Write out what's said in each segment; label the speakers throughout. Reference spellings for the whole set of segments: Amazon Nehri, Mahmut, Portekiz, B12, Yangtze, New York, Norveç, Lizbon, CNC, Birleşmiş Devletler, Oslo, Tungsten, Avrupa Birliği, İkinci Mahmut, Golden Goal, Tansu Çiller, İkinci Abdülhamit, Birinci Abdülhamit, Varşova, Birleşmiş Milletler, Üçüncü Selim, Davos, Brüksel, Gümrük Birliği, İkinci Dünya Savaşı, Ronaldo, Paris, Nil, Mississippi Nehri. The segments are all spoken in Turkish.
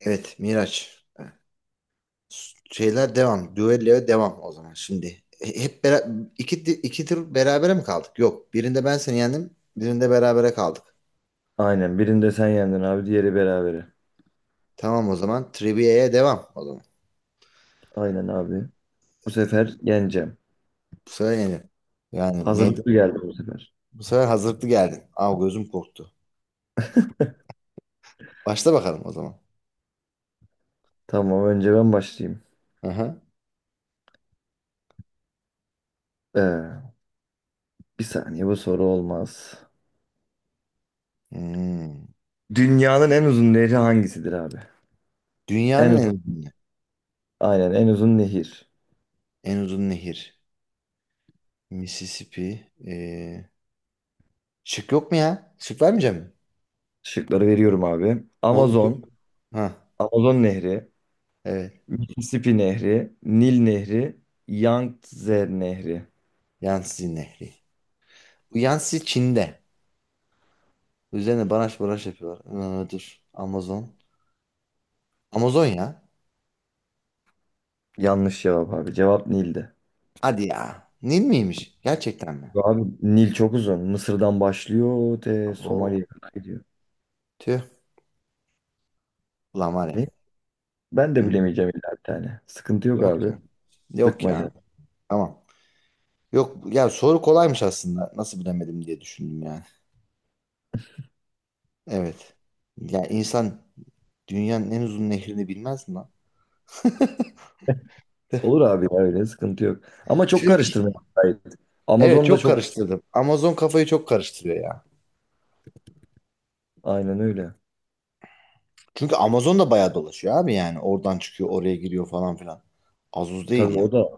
Speaker 1: Evet, Miraç. Şeyler devam. Düelloya devam o zaman şimdi. E, Hep bera- iki, di- iki tur berabere mi kaldık? Yok. Birinde ben seni yendim. Birinde berabere kaldık.
Speaker 2: Aynen. Birinde sen yendin abi. Diğeri berabere.
Speaker 1: Tamam o zaman. Trivia'ya devam o zaman.
Speaker 2: Aynen abi. Bu sefer yeneceğim.
Speaker 1: Bu sefer yenir. Yani meydan.
Speaker 2: Hazırlıklı geldim bu sefer.
Speaker 1: Bu sefer hazırlıklı geldin. Aa, gözüm korktu. Başla bakalım o zaman.
Speaker 2: Tamam önce ben başlayayım.
Speaker 1: Aha.
Speaker 2: Ee, bir saniye bu soru olmaz.
Speaker 1: Hmm.
Speaker 2: Dünyanın en uzun nehri hangisidir abi? En
Speaker 1: Dünyanın
Speaker 2: uzun, aynen en uzun nehir.
Speaker 1: en uzun nehir. Mississippi. Şık yok mu ya? Şık vermeyeceğim mi?
Speaker 2: Şıkları veriyorum abi.
Speaker 1: Oğlum çok.
Speaker 2: Amazon,
Speaker 1: Ha,
Speaker 2: Amazon Nehri,
Speaker 1: evet.
Speaker 2: Mississippi Nehri, Nil Nehri, Yangtze Nehri.
Speaker 1: Yangtze Nehri. Bu Yansi Çin'de. Üzerine baraj baraj yapıyorlar. Dur. Amazon. Amazon ya.
Speaker 2: Yanlış cevap abi. Cevap Nil'di.
Speaker 1: Hadi ya. Nil miymiş? Gerçekten mi?
Speaker 2: Abi Nil çok uzun. Mısır'dan başlıyor te Somali'ye
Speaker 1: Abo.
Speaker 2: kadar gidiyor.
Speaker 1: Tüh. Ulan, var ya.
Speaker 2: Ne? Ben de
Speaker 1: Hı.
Speaker 2: bilemeyeceğim illa bir tane. Sıkıntı yok
Speaker 1: Yok
Speaker 2: abi.
Speaker 1: ya. Yok
Speaker 2: Sıkma
Speaker 1: ya.
Speaker 2: canım.
Speaker 1: Tamam. Yok ya, soru kolaymış aslında. Nasıl bilemedim diye düşündüm yani. Evet. Ya insan dünyanın en uzun nehrini bilmez mi lan?
Speaker 2: Olur abi ya öyle sıkıntı yok. Ama çok
Speaker 1: Türkiye.
Speaker 2: karıştırma. Gayet.
Speaker 1: Evet,
Speaker 2: Amazon da
Speaker 1: çok
Speaker 2: çok
Speaker 1: karıştırdım. Amazon kafayı çok karıştırıyor ya.
Speaker 2: aynen öyle.
Speaker 1: Çünkü Amazon da bayağı dolaşıyor abi yani. Oradan çıkıyor, oraya giriyor falan filan. Az uz değil
Speaker 2: Tabii
Speaker 1: ya.
Speaker 2: o da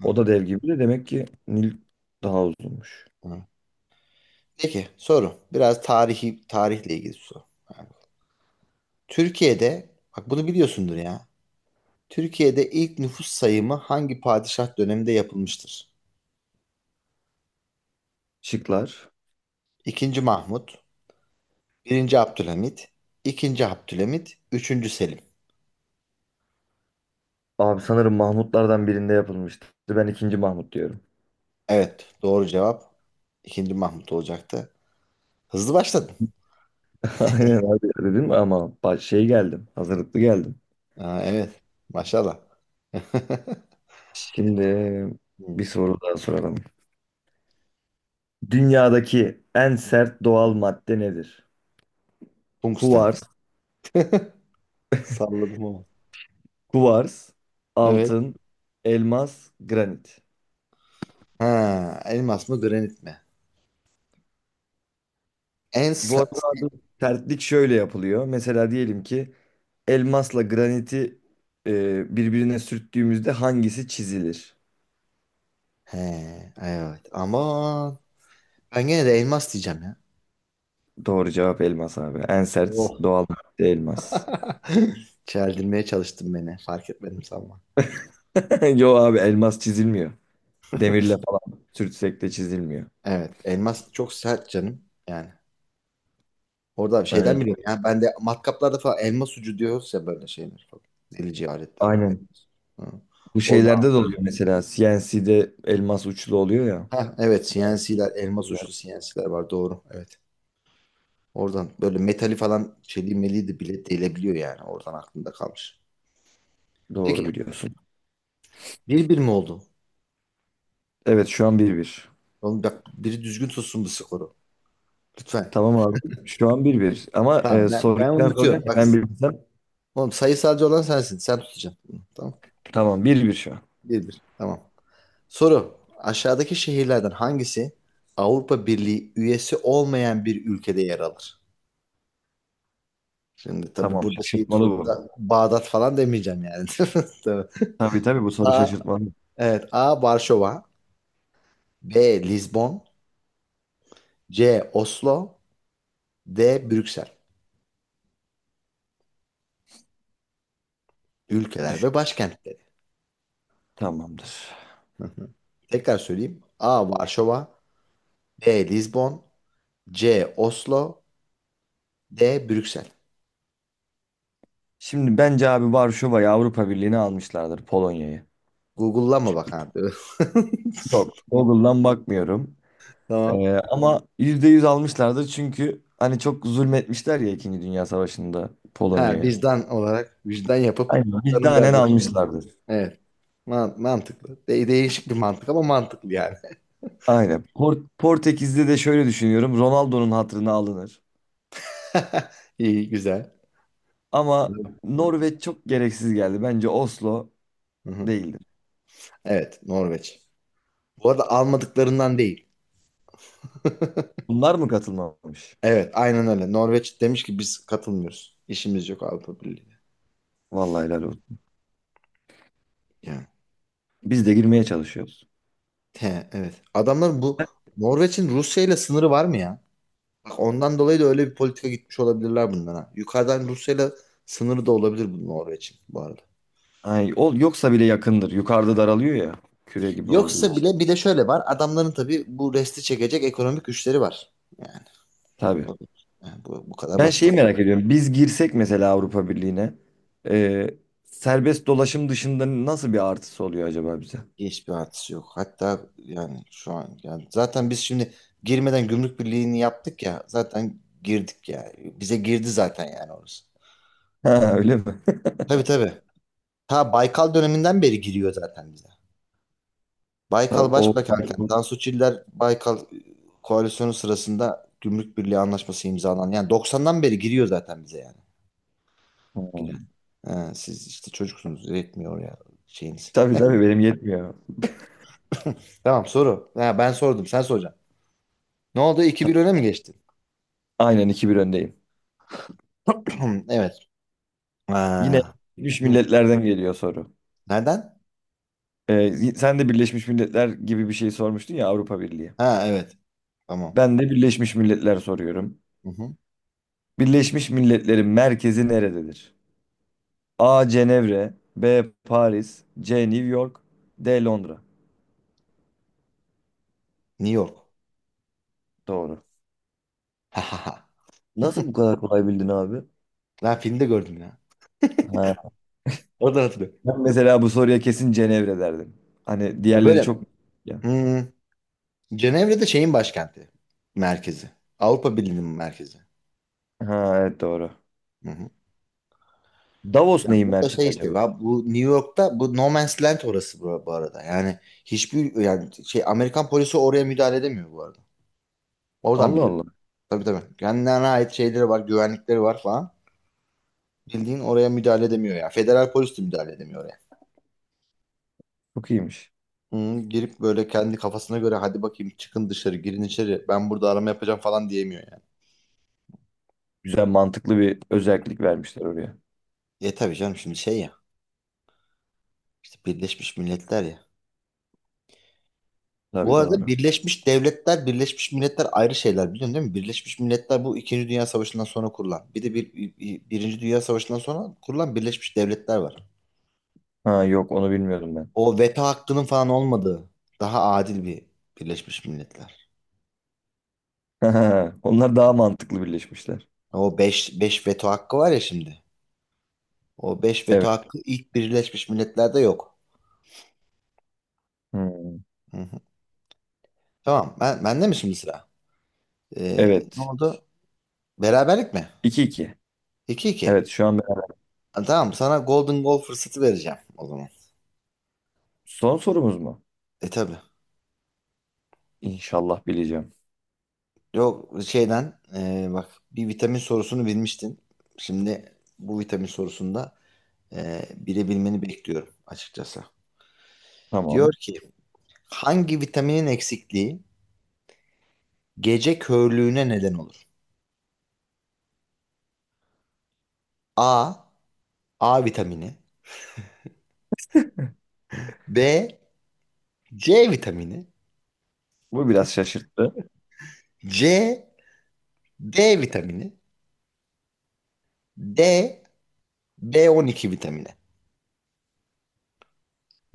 Speaker 1: Hı hı,
Speaker 2: o da dev gibi de demek ki Nil daha uzunmuş.
Speaker 1: hı. Peki, soru. Biraz tarihle ilgili bir soru. Yani Türkiye'de, bak, bunu biliyorsundur ya. Türkiye'de ilk nüfus sayımı hangi padişah döneminde yapılmıştır?
Speaker 2: Şıklar.
Speaker 1: İkinci Mahmut, birinci Abdülhamit, ikinci Abdülhamit, üçüncü Selim.
Speaker 2: Abi sanırım Mahmutlardan birinde yapılmıştı. Ben ikinci Mahmut diyorum.
Speaker 1: Evet, doğru cevap ikinci Mahmut olacaktı. Hızlı başladın.
Speaker 2: Aynen abi dedim ama bak şey geldim. Hazırlıklı geldim.
Speaker 1: Aa, evet, maşallah.
Speaker 2: Şimdi
Speaker 1: Hı.
Speaker 2: bir soru daha soralım. Dünyadaki en sert doğal madde nedir?
Speaker 1: Tungsten.
Speaker 2: Kuvars,
Speaker 1: Salladım ama.
Speaker 2: Kuvars,
Speaker 1: Evet.
Speaker 2: altın, elmas, granit.
Speaker 1: Ha, elmas mı granit mi? En
Speaker 2: Bu
Speaker 1: sa-
Speaker 2: arada abi sertlik şöyle yapılıyor. Mesela diyelim ki elmasla graniti birbirine sürttüğümüzde hangisi çizilir?
Speaker 1: He, evet, ama ben gene de elmas diyeceğim ya.
Speaker 2: Doğru cevap elmas abi. En sert
Speaker 1: Oh.
Speaker 2: doğal madde elmas.
Speaker 1: Çeldirmeye çalıştın beni. Fark etmedim sanma.
Speaker 2: Yo abi elmas çizilmiyor. Demirle falan sürtsek de çizilmiyor.
Speaker 1: Evet. Elmas çok sert canım. Yani. Orada bir şeyden
Speaker 2: Aynen.
Speaker 1: biliyorum ya. Ben de matkaplarda falan elmas ucu diyoruz ya, böyle şeyler falan. Delici aletlere.
Speaker 2: Aynen.
Speaker 1: Elmas. Hı.
Speaker 2: Bu
Speaker 1: Orada,
Speaker 2: şeylerde de oluyor mesela. CNC'de elmas uçlu oluyor ya.
Speaker 1: ha, evet, CNC'ler elmas
Speaker 2: Güzel.
Speaker 1: uçlu CNC'ler var, doğru. Evet. Oradan böyle metali falan, çeliği meliği de bile delebiliyor yani. Oradan aklımda kalmış.
Speaker 2: Doğru
Speaker 1: Peki.
Speaker 2: biliyorsun.
Speaker 1: Bir bir mi oldu?
Speaker 2: Evet şu an 1-1.
Speaker 1: Oğlum, bak, biri düzgün tutsun bu skoru. Lütfen.
Speaker 2: Tamam abi. Şu an 1-1. Ama
Speaker 1: Tamam, ben
Speaker 2: soruyu
Speaker 1: ben
Speaker 2: biraz zorlayan
Speaker 1: unutuyorum.
Speaker 2: ya.
Speaker 1: Bak
Speaker 2: Ben bilsem
Speaker 1: oğlum, sayısalcı olan sensin. Sen tutacaksın. Hı, tamam.
Speaker 2: tamam 1-1 şu an.
Speaker 1: Bir bir. Tamam. Soru. Aşağıdaki şehirlerden hangisi Avrupa Birliği üyesi olmayan bir ülkede yer alır? Şimdi tabii
Speaker 2: Tamam
Speaker 1: burada şeyi
Speaker 2: şaşırtmalı
Speaker 1: tutup
Speaker 2: bu.
Speaker 1: da Bağdat falan demeyeceğim yani. Tabii.
Speaker 2: Tabii tabii bu soru
Speaker 1: A,
Speaker 2: şaşırtmalı.
Speaker 1: evet. A. Varşova. B. Lizbon. C. Oslo. D. Brüksel. Ülkeler
Speaker 2: Düş.
Speaker 1: ve başkentleri.
Speaker 2: Tamamdır.
Speaker 1: Hı hı. Tekrar söyleyeyim. A. Varşova. B. Lizbon. C. Oslo. D. Brüksel.
Speaker 2: Şimdi bence abi Varşova'yı Avrupa Birliği'ne almışlardır Polonya'yı.
Speaker 1: Google'lama, bak abi.
Speaker 2: Yok. Google'dan bakmıyorum.
Speaker 1: Tamam.
Speaker 2: E, ama %100 almışlardır çünkü hani çok zulmetmişler ya İkinci Dünya Savaşı'nda
Speaker 1: Ha,
Speaker 2: Polonya'ya.
Speaker 1: vicdan olarak vicdan yapıp,
Speaker 2: Aynen.
Speaker 1: canım
Speaker 2: Vicdanen
Speaker 1: kardeşim.
Speaker 2: almışlardır.
Speaker 1: Evet. Mantıklı. Değişik bir mantık ama mantıklı yani.
Speaker 2: Aynen. Portekiz'de de şöyle düşünüyorum. Ronaldo'nun hatırına alınır.
Speaker 1: İyi, güzel.
Speaker 2: Ama Norveç çok gereksiz geldi. Bence Oslo
Speaker 1: Hı-hı.
Speaker 2: değildi.
Speaker 1: Evet, Norveç. Bu arada, almadıklarından değil.
Speaker 2: Bunlar mı katılmamış?
Speaker 1: Evet, aynen öyle. Norveç demiş ki biz katılmıyoruz. İşimiz yok Avrupa Birliği'ne.
Speaker 2: Vallahi helal olsun.
Speaker 1: Yani.
Speaker 2: Biz de girmeye çalışıyoruz.
Speaker 1: He, evet. Adamların bu Norveç'in Rusya ile sınırı var mı ya? Bak, ondan dolayı da öyle bir politika gitmiş olabilirler bundan, ha. Yukarıdan Rusya'yla sınırı da olabilir bu Norveç'in bu arada.
Speaker 2: Ay, ol, yoksa bile yakındır. Yukarıda daralıyor ya. Küre gibi olduğu
Speaker 1: Yoksa
Speaker 2: için.
Speaker 1: bile bir de şöyle var. Adamların tabii bu resti çekecek ekonomik güçleri var. Yani,
Speaker 2: Tabii.
Speaker 1: o- yani bu kadar
Speaker 2: Ben
Speaker 1: basit.
Speaker 2: şeyi merak ediyorum. Biz girsek mesela Avrupa Birliği'ne e, serbest dolaşım dışında nasıl bir artısı oluyor acaba bize?
Speaker 1: Hiçbir artısı yok. Hatta yani şu an, yani zaten biz şimdi girmeden gümrük birliğini yaptık ya. Zaten girdik ya. Bize girdi zaten yani orası.
Speaker 2: Ha, öyle mi?
Speaker 1: Tabii, tabii. Ta Baykal döneminden beri giriyor zaten bize. Baykal
Speaker 2: Tabii, o...
Speaker 1: Başbakanken Tansu Çiller Baykal koalisyonu sırasında Gümrük Birliği Anlaşması imzalanan yani doksan'dan beri giriyor zaten bize yani. Giren.
Speaker 2: Ha.
Speaker 1: Ha, siz işte çocuksunuz, yetmiyor ya şeyiniz.
Speaker 2: Tabii tabii benim yetmiyor.
Speaker 1: Tamam, soru. Ha, ben sordum, sen soracaksın. Ne oldu, iki
Speaker 2: Ta-
Speaker 1: bir öne mi geçtin?
Speaker 2: Aynen iki bir öndeyim.
Speaker 1: Evet.
Speaker 2: Yine
Speaker 1: Ha.
Speaker 2: Birleşmiş
Speaker 1: Hı.
Speaker 2: Milletler'den geliyor soru.
Speaker 1: Nereden?
Speaker 2: Sen de Birleşmiş Milletler gibi bir şey sormuştun ya Avrupa Birliği.
Speaker 1: Ha, evet. Tamam.
Speaker 2: Ben de Birleşmiş Milletler soruyorum.
Speaker 1: Hı hı.
Speaker 2: Birleşmiş Milletler'in merkezi nerededir? A. Cenevre B. Paris C. New York D. Londra
Speaker 1: New York.
Speaker 2: Doğru.
Speaker 1: Ha,
Speaker 2: Nasıl bu kadar kolay bildin abi?
Speaker 1: ben filmde gördüm ya.
Speaker 2: Ha.
Speaker 1: Oradan hatırlıyorum.
Speaker 2: Ben mesela bu soruya kesin Cenevre derdim. Hani diğerleri çok...
Speaker 1: Böyle.
Speaker 2: Ya.
Speaker 1: Hı. Cenevre de şeyin başkenti. Merkezi. Avrupa Birliği'nin merkezi.
Speaker 2: Ha evet doğru.
Speaker 1: Hı hı.
Speaker 2: Davos
Speaker 1: Ya
Speaker 2: neyin
Speaker 1: bu da şey
Speaker 2: merkezi
Speaker 1: işte,
Speaker 2: acaba?
Speaker 1: ya bu New York'ta bu No Man's Land orası, bu bu arada. Yani hiçbir, yani şey, Amerikan polisi oraya müdahale edemiyor bu arada. Oradan
Speaker 2: Allah
Speaker 1: biliyorum.
Speaker 2: Allah.
Speaker 1: Tabii, tabii. Kendilerine ait şeyleri var, güvenlikleri var falan. Bildiğin oraya müdahale edemiyor ya. Federal polis de müdahale edemiyor oraya.
Speaker 2: Çok iyiymiş.
Speaker 1: Hı, girip böyle kendi kafasına göre hadi bakayım çıkın dışarı girin içeri ben burada arama yapacağım falan diyemiyor yani.
Speaker 2: Güzel mantıklı bir özellik vermişler oraya.
Speaker 1: E tabii canım, şimdi şey ya, işte Birleşmiş Milletler ya. Bu
Speaker 2: Tabii
Speaker 1: arada
Speaker 2: doğru.
Speaker 1: Birleşmiş Devletler, Birleşmiş Milletler ayrı şeyler, biliyorsun değil mi? Birleşmiş Milletler bu İkinci Dünya Savaşı'ndan sonra kurulan. Bir de Birinci Dünya Savaşı'ndan sonra kurulan Birleşmiş Devletler var.
Speaker 2: Ha yok onu bilmiyordum ben.
Speaker 1: O veto hakkının falan olmadığı daha adil bir Birleşmiş Milletler.
Speaker 2: Onlar daha mantıklı birleşmişler.
Speaker 1: O beş veto hakkı var ya şimdi. O 5 veto
Speaker 2: Evet.
Speaker 1: hakkı ilk Birleşmiş Milletler'de yok.
Speaker 2: Hmm.
Speaker 1: Hı hı. Tamam. Bende mi şimdi sıra? Ne
Speaker 2: Evet.
Speaker 1: oldu? Beraberlik mi?
Speaker 2: 2 iki.
Speaker 1: 2 iki.
Speaker 2: Evet şu an ben...
Speaker 1: Ha, tamam, sana Golden Goal fırsatı vereceğim o zaman.
Speaker 2: Son sorumuz mu?
Speaker 1: E tabi.
Speaker 2: İnşallah bileceğim.
Speaker 1: Yok şeyden, bak bir vitamin sorusunu bilmiştin. Şimdi bu vitamin sorusunda, bilebilmeni bekliyorum açıkçası. Diyor
Speaker 2: Tamam.
Speaker 1: ki hangi vitaminin eksikliği gece körlüğüne neden olur? A. A vitamini. B. C vitamini.
Speaker 2: Bu biraz şaşırttı.
Speaker 1: C. D vitamini. D. B12 vitamini.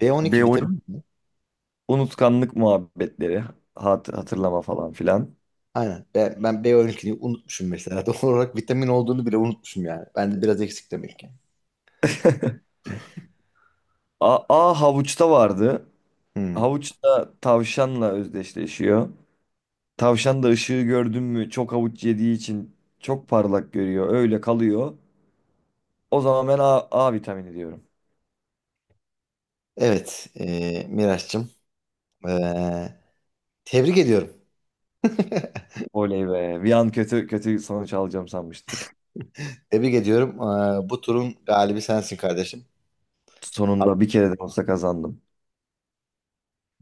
Speaker 1: B12
Speaker 2: B12.
Speaker 1: vitamini mi?
Speaker 2: Unutkanlık muhabbetleri. Hatırlama falan filan.
Speaker 1: Aynen. Ben B12'yi unutmuşum mesela. Doğal olarak vitamin olduğunu bile unutmuşum yani. Bende biraz eksik demek ki.
Speaker 2: A havuçta vardı.
Speaker 1: Hmm.
Speaker 2: Havuç da tavşanla özdeşleşiyor. Tavşan da ışığı gördün mü çok havuç yediği için çok parlak görüyor. Öyle kalıyor. O zaman ben A vitamini diyorum.
Speaker 1: Evet, Miraç'cığım. e, Tebrik ediyorum.
Speaker 2: Oley be. Bir an kötü kötü sonuç alacağım sanmıştım.
Speaker 1: Tebrik ediyorum. Bu turun galibi sensin kardeşim.
Speaker 2: Sonunda bir kere de olsa kazandım.